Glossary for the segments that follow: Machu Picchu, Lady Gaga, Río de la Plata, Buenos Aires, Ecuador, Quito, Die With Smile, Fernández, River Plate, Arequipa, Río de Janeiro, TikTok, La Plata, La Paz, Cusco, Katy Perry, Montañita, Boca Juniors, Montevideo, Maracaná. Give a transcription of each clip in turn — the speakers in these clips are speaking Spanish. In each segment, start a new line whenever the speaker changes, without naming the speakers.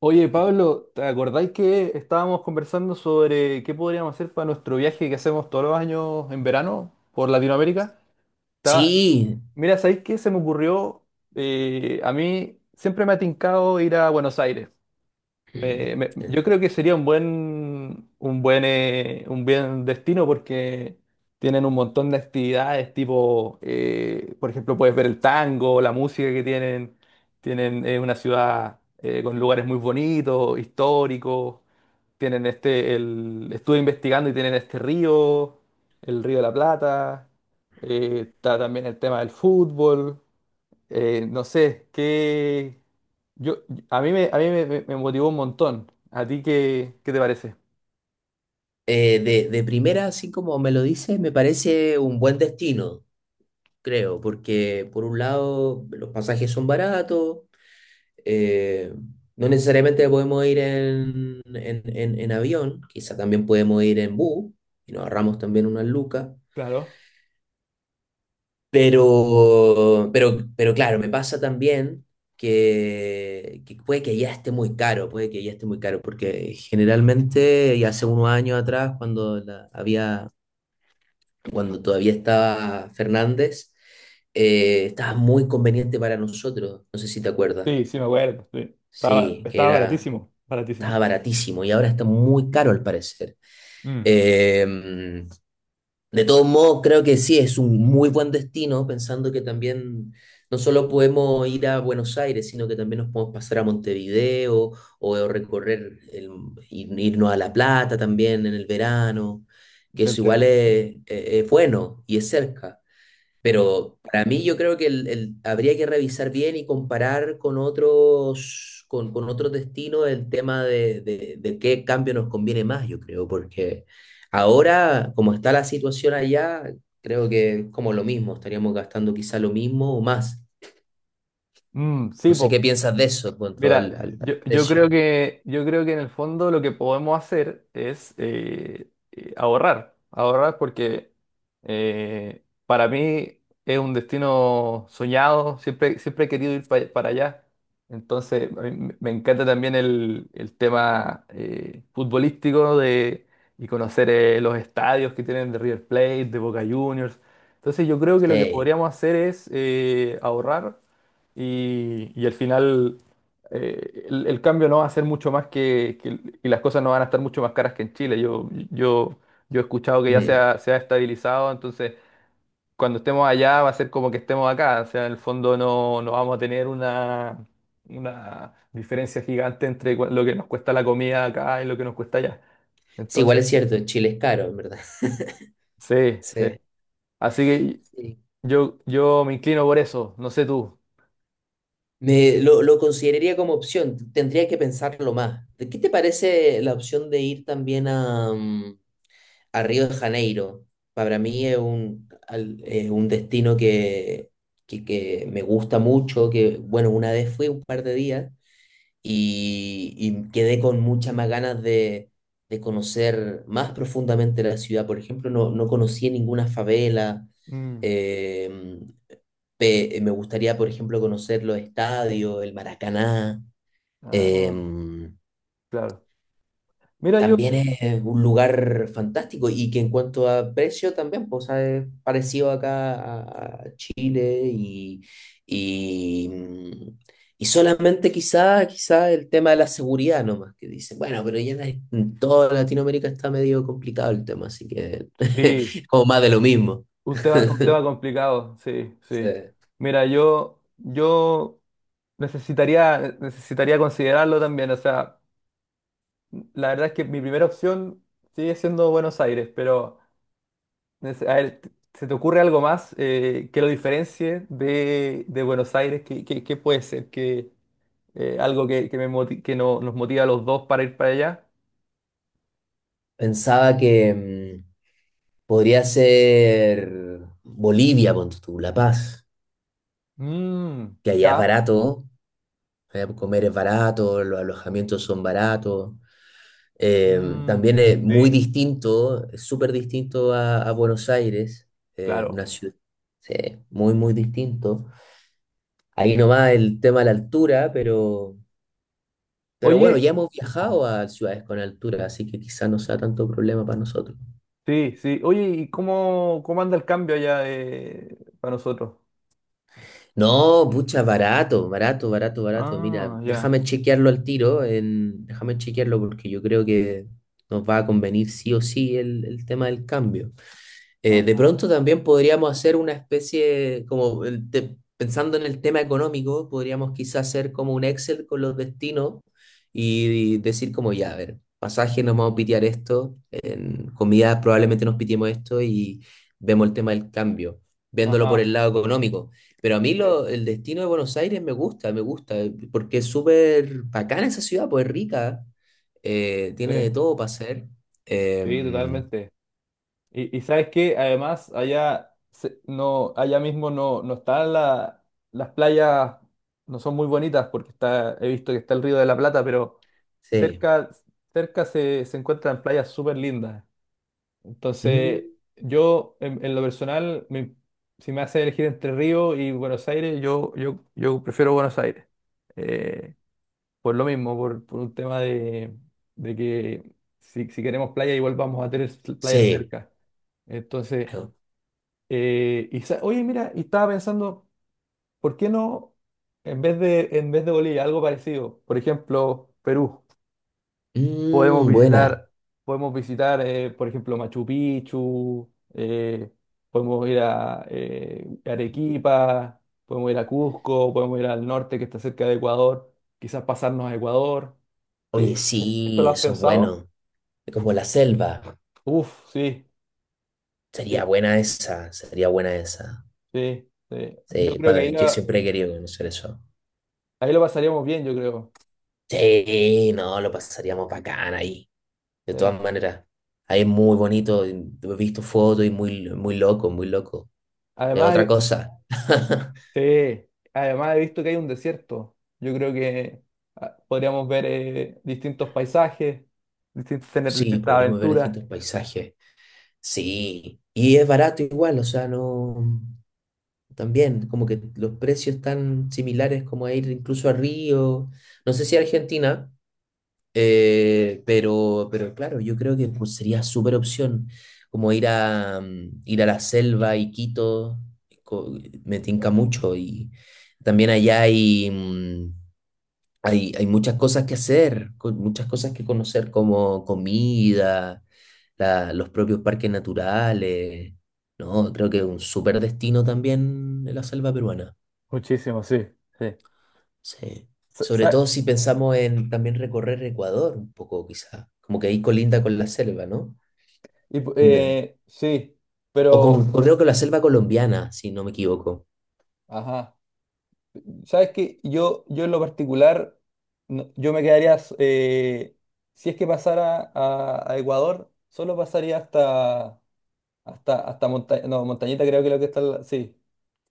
Oye, Pablo, ¿te acordáis que estábamos conversando sobre qué podríamos hacer para nuestro viaje que hacemos todos los años en verano por Latinoamérica?
Sí,
Estaba- Mira, ¿sabéis qué se me ocurrió? A mí siempre me ha tincado ir a Buenos Aires. Yo creo que sería un buen destino porque tienen un montón de actividades, tipo, por ejemplo, puedes ver el tango, la música que tienen. Tienen una ciudad con lugares muy bonitos, históricos. Estuve investigando y tienen este río, el Río de la Plata. Está también el tema del fútbol. No sé, yo, a mí me motivó un montón. ¿A ti qué te parece?
de primera, así como me lo dices, me parece un buen destino, creo, porque por un lado los pasajes son baratos, eh, no necesariamente podemos ir en avión, quizá también podemos ir en bus y nos ahorramos también unas lucas,
Claro.
pero claro, me pasa también que puede que ya esté muy caro, puede que ya esté muy caro, porque generalmente, y hace unos años atrás, cuando la- había cuando todavía estaba Fernández, estaba muy conveniente para nosotros, no sé si te acuerdas.
Sí, sí, me acuerdo, sí. Estaba,
Sí,
estaba baratísimo,
estaba
baratísimo.
baratísimo y ahora está muy caro al parecer.
Mm,
Eh, de todos modos, creo que sí, es un muy buen destino, pensando que también no solo podemos ir a Buenos Aires, sino que también nos podemos pasar a Montevideo o, o irnos a La Plata también en el verano, que
te
eso igual
entiendo.
es bueno y es cerca.
Mm.
Pero para mí yo creo que habría que revisar bien y comparar con otros, con otros destinos el tema de qué cambio nos conviene más, yo creo, porque ahora, como está la situación allá, creo que es como lo mismo, estaríamos gastando quizá lo mismo o más.
Mm, sí,
No sé
po.
qué piensas de eso cuanto
Mira,
al
yo creo
precio.
que yo creo que en el fondo lo que podemos hacer es ahorrar, ahorrar porque para mí es un destino soñado, siempre, siempre he querido ir para allá. Entonces, a mí me encanta también el tema futbolístico y conocer los estadios que tienen de River Plate, de Boca Juniors. Entonces, yo creo que lo que
Sí.
podríamos hacer es ahorrar y al final el cambio no va a ser mucho más y las cosas no van a estar mucho más caras que en Chile. Yo he escuchado que ya
Mm.
se ha estabilizado, entonces cuando estemos allá va a ser como que estemos acá. O sea, en el fondo no vamos a tener una diferencia gigante entre lo que nos cuesta la comida acá y lo que nos cuesta allá.
Sí, igual
Entonces,
es cierto, Chile es caro, en verdad.
sí, sí.
Sí.
Así que
Sí.
yo me inclino por eso, no sé tú.
Lo consideraría como opción, tendría que pensarlo más. ¿De ¿Qué te parece la opción de ir también a, a Río de Janeiro? Para mí es es un destino que me gusta mucho, que bueno, una vez fui un par de días y quedé con muchas más ganas de conocer más profundamente la ciudad. Por ejemplo, no, no conocí ninguna favela.
Mm.
em, Me gustaría, por ejemplo, conocer los estadios, el Maracaná.
Ah,
em,
claro. Mira, yo...
También es un lugar fantástico y que en cuanto a precio también, pues, o es parecido acá a Chile y, mm, y solamente quizá, quizá el tema de la seguridad nomás, que dice, bueno, pero ya en toda Latinoamérica está medio complicado el tema, así que
Sí,
como más de lo mismo.
un tema, un tema complicado, sí,
Sí.
sí. Mira, yo necesitaría, necesitaría considerarlo también. O sea, la verdad es que mi primera opción sigue siendo Buenos Aires, pero a ver, ¿se te ocurre algo más que lo diferencie de Buenos Aires? ¿Qué, qué puede ser? ¿Qué, algo me moti- que no- nos motiva a los dos para ir para allá?
Pensaba que... mm, Podría ser Bolivia, ponte tú, La Paz,
Mm,
que allá es
ya.
barato, allá comer es barato, los alojamientos son baratos. También
Mm,
es muy
sí,
distinto, es súper distinto a Buenos Aires, eh, una
claro.
ciudad, sí, muy, muy distinto. Ahí nomás el tema de la altura, pero bueno,
Oye.
ya hemos viajado a ciudades con altura, así que quizás no sea tanto problema para nosotros.
Sí, sí. Oye, ¿y cómo, cómo anda el cambio allá para nosotros?
No, pucha, barato, barato, barato, barato. Mira,
Ah, ya.
déjame chequearlo al tiro, déjame chequearlo porque yo creo que nos va a convenir sí o sí el tema del cambio. De
Ah,
pronto también podríamos hacer una especie, pensando en el tema económico, podríamos quizás hacer como un Excel con los destinos y decir como, ya, a ver, pasaje nos vamos a pitear esto, en comida probablemente nos pitiemos esto y vemos el tema del cambio, viéndolo por
ajá.
el lado económico. Pero a mí
Sí,
el destino de Buenos Aires me gusta, porque es súper bacana esa ciudad, pues es rica, tiene
sí,
de todo para hacer.
sí,
Em,
totalmente. Y sabes qué, además, allá no, allá mismo no, no están las playas, no son muy bonitas porque está, he visto que está el Río de la Plata, pero
sí.
cerca, cerca se encuentran playas súper lindas.
Mm.
Entonces, yo en lo personal, si me hace elegir entre Río y Buenos Aires, yo prefiero Buenos Aires. Eh, por lo mismo, por un tema de que si queremos playa, igual vamos a tener playas
Sí.
cerca. Entonces,
Pero,
oye, mira, y estaba pensando, ¿por qué no, en vez de Bolivia, algo parecido? Por ejemplo, Perú. Podemos
mm, buena.
visitar, podemos visitar, por ejemplo, Machu Picchu, podemos ir a Arequipa, podemos ir a Cusco, podemos ir al norte que está cerca de Ecuador, quizás pasarnos a Ecuador.
Oye,
¿Qué- ¿Esto
sí,
lo has
eso es
pensado?
bueno. Como la selva.
Uf, sí, sí,
Sería buena esa, sería buena esa.
sí, sí. Yo
Sí,
creo que
yo siempre he querido conocer eso.
ahí lo pasaríamos bien, yo creo.
Sí, no, lo pasaríamos bacán ahí. De
Sí.
todas maneras, ahí es muy bonito. Y he visto fotos y muy, muy loco, muy loco. Es
Además,
otra cosa.
ah, sí, además he visto que hay un desierto. Yo creo que ah, podríamos ver distintos paisajes, distintos, tener
Sí,
distintas
podríamos ver
aventuras.
distintos paisajes. Sí, y es barato igual, o sea, no. También, como que los precios están similares como a ir incluso a Río, no sé si a Argentina, pero claro, yo creo que pues, sería súper opción como ir a, ir a la selva y Quito, co- me tinca mucho y también allá hay muchas cosas que hacer, muchas cosas que conocer como comida, los propios parques naturales, ¿no? Creo que es un súper destino también de la selva peruana.
Muchísimo, sí, sí.
Sí.
Sa-
Sobre
sa-
todo si pensamos en también recorrer Ecuador un poco, quizá. Como que ahí colinda con la selva, ¿no? También.
sí,
O con,
pero,
creo que la selva colombiana, si no me equivoco.
ajá, ¿sabes qué? Yo en lo particular, yo me quedaría, si es que pasara a Ecuador, solo pasaría hasta no, Montañita creo que es lo que está, sí,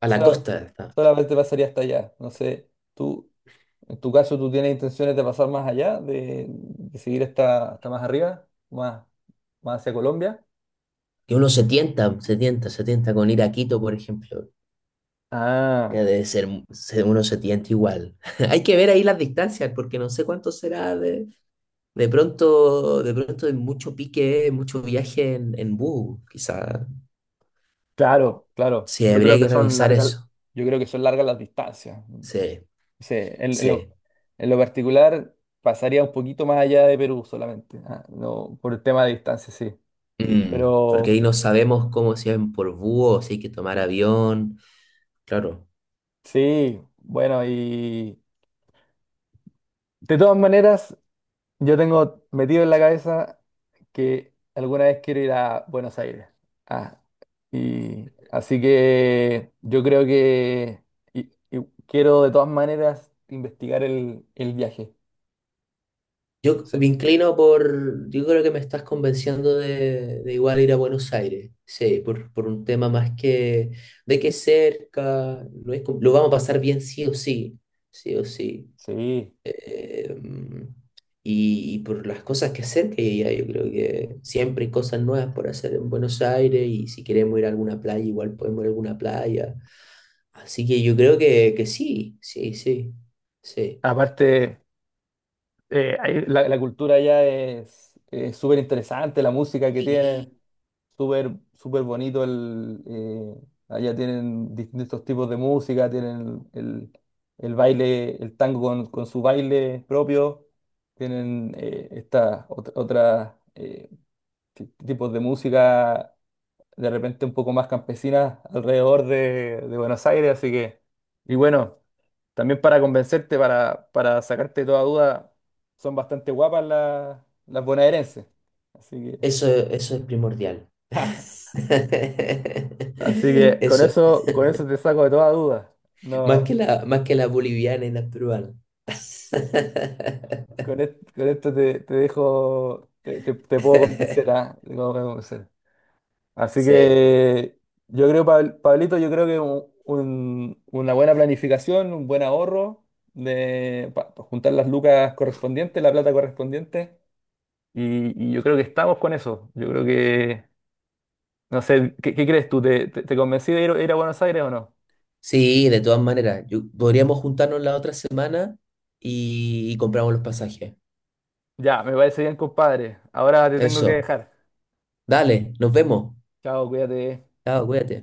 A la
Sola-
costa está.
solamente pasaría hasta allá. No sé, tú, en tu caso, ¿tú tienes intenciones de pasar más allá, de seguir hasta más arriba, más, más hacia Colombia?
Que uno se tienta, se tienta, se tienta con ir a Quito, por ejemplo. Ya
Ah,
debe ser, uno se tienta igual. Hay que ver ahí las distancias, porque no sé cuánto será de pronto hay mucho pique, mucho viaje en bus, quizá.
claro, claro.
Sí,
Yo creo
habría que
que son
revisar
largas,
eso.
yo creo que son largas las distancias.
Sí.
Sí,
Sí.
en lo particular pasaría un poquito más allá de Perú solamente, ah, no, por el tema de distancia, sí.
Mm, porque
Pero
ahí no sabemos cómo se ven por búho, o si hay que tomar avión. Claro.
sí, bueno, y de todas maneras. Yo tengo metido en la cabeza que alguna vez quiero ir a Buenos Aires. Ah, y así que yo creo que y quiero de todas maneras investigar el viaje. No
Yo
sé.
me inclino por. Yo creo que me estás convenciendo de igual ir a Buenos Aires. Sí, por un tema más que de que es cerca, no es com- lo vamos a pasar bien sí o sí. Sí o sí.
Sí.
Eh, y por las cosas que hacer que hay allá, yo creo que siempre hay cosas nuevas por hacer en Buenos Aires. Y si queremos ir a alguna playa, igual podemos ir a alguna playa. Así que yo creo que sí, sí, sí, sí.
Aparte, la cultura ya es súper interesante, la música que tienen,
Sí.
súper súper bonito allá tienen distintos tipos de música, tienen el baile, el tango con su baile propio, tienen otra, tipos de música de repente un poco más campesinas alrededor de Buenos Aires, así que, y bueno. También para convencerte, para sacarte toda duda, son bastante guapas las bonaerenses. Así que,
Eso es primordial.
así que
Eso,
con eso te saco de toda duda. No,
más que la boliviana y la peruana.
con, con esto te dejo, te puedo convencer, ¿ah? Te puedo convencer. Así
Sí,
que yo creo, Pablito, yo creo que una buena planificación, un buen ahorro de, pa juntar las lucas correspondientes, la plata correspondiente. Y yo creo que estamos con eso. Yo creo que, no sé, ¿qué, qué crees tú? ¿Te, te, te convencí de ir, ir a Buenos Aires o no?
sí, de todas maneras. Podríamos juntarnos la otra semana y compramos los pasajes.
Ya, me parece bien, compadre. Ahora te tengo que
Eso.
dejar.
Dale, nos vemos.
Chao, cuídate.
Chao, cuídate.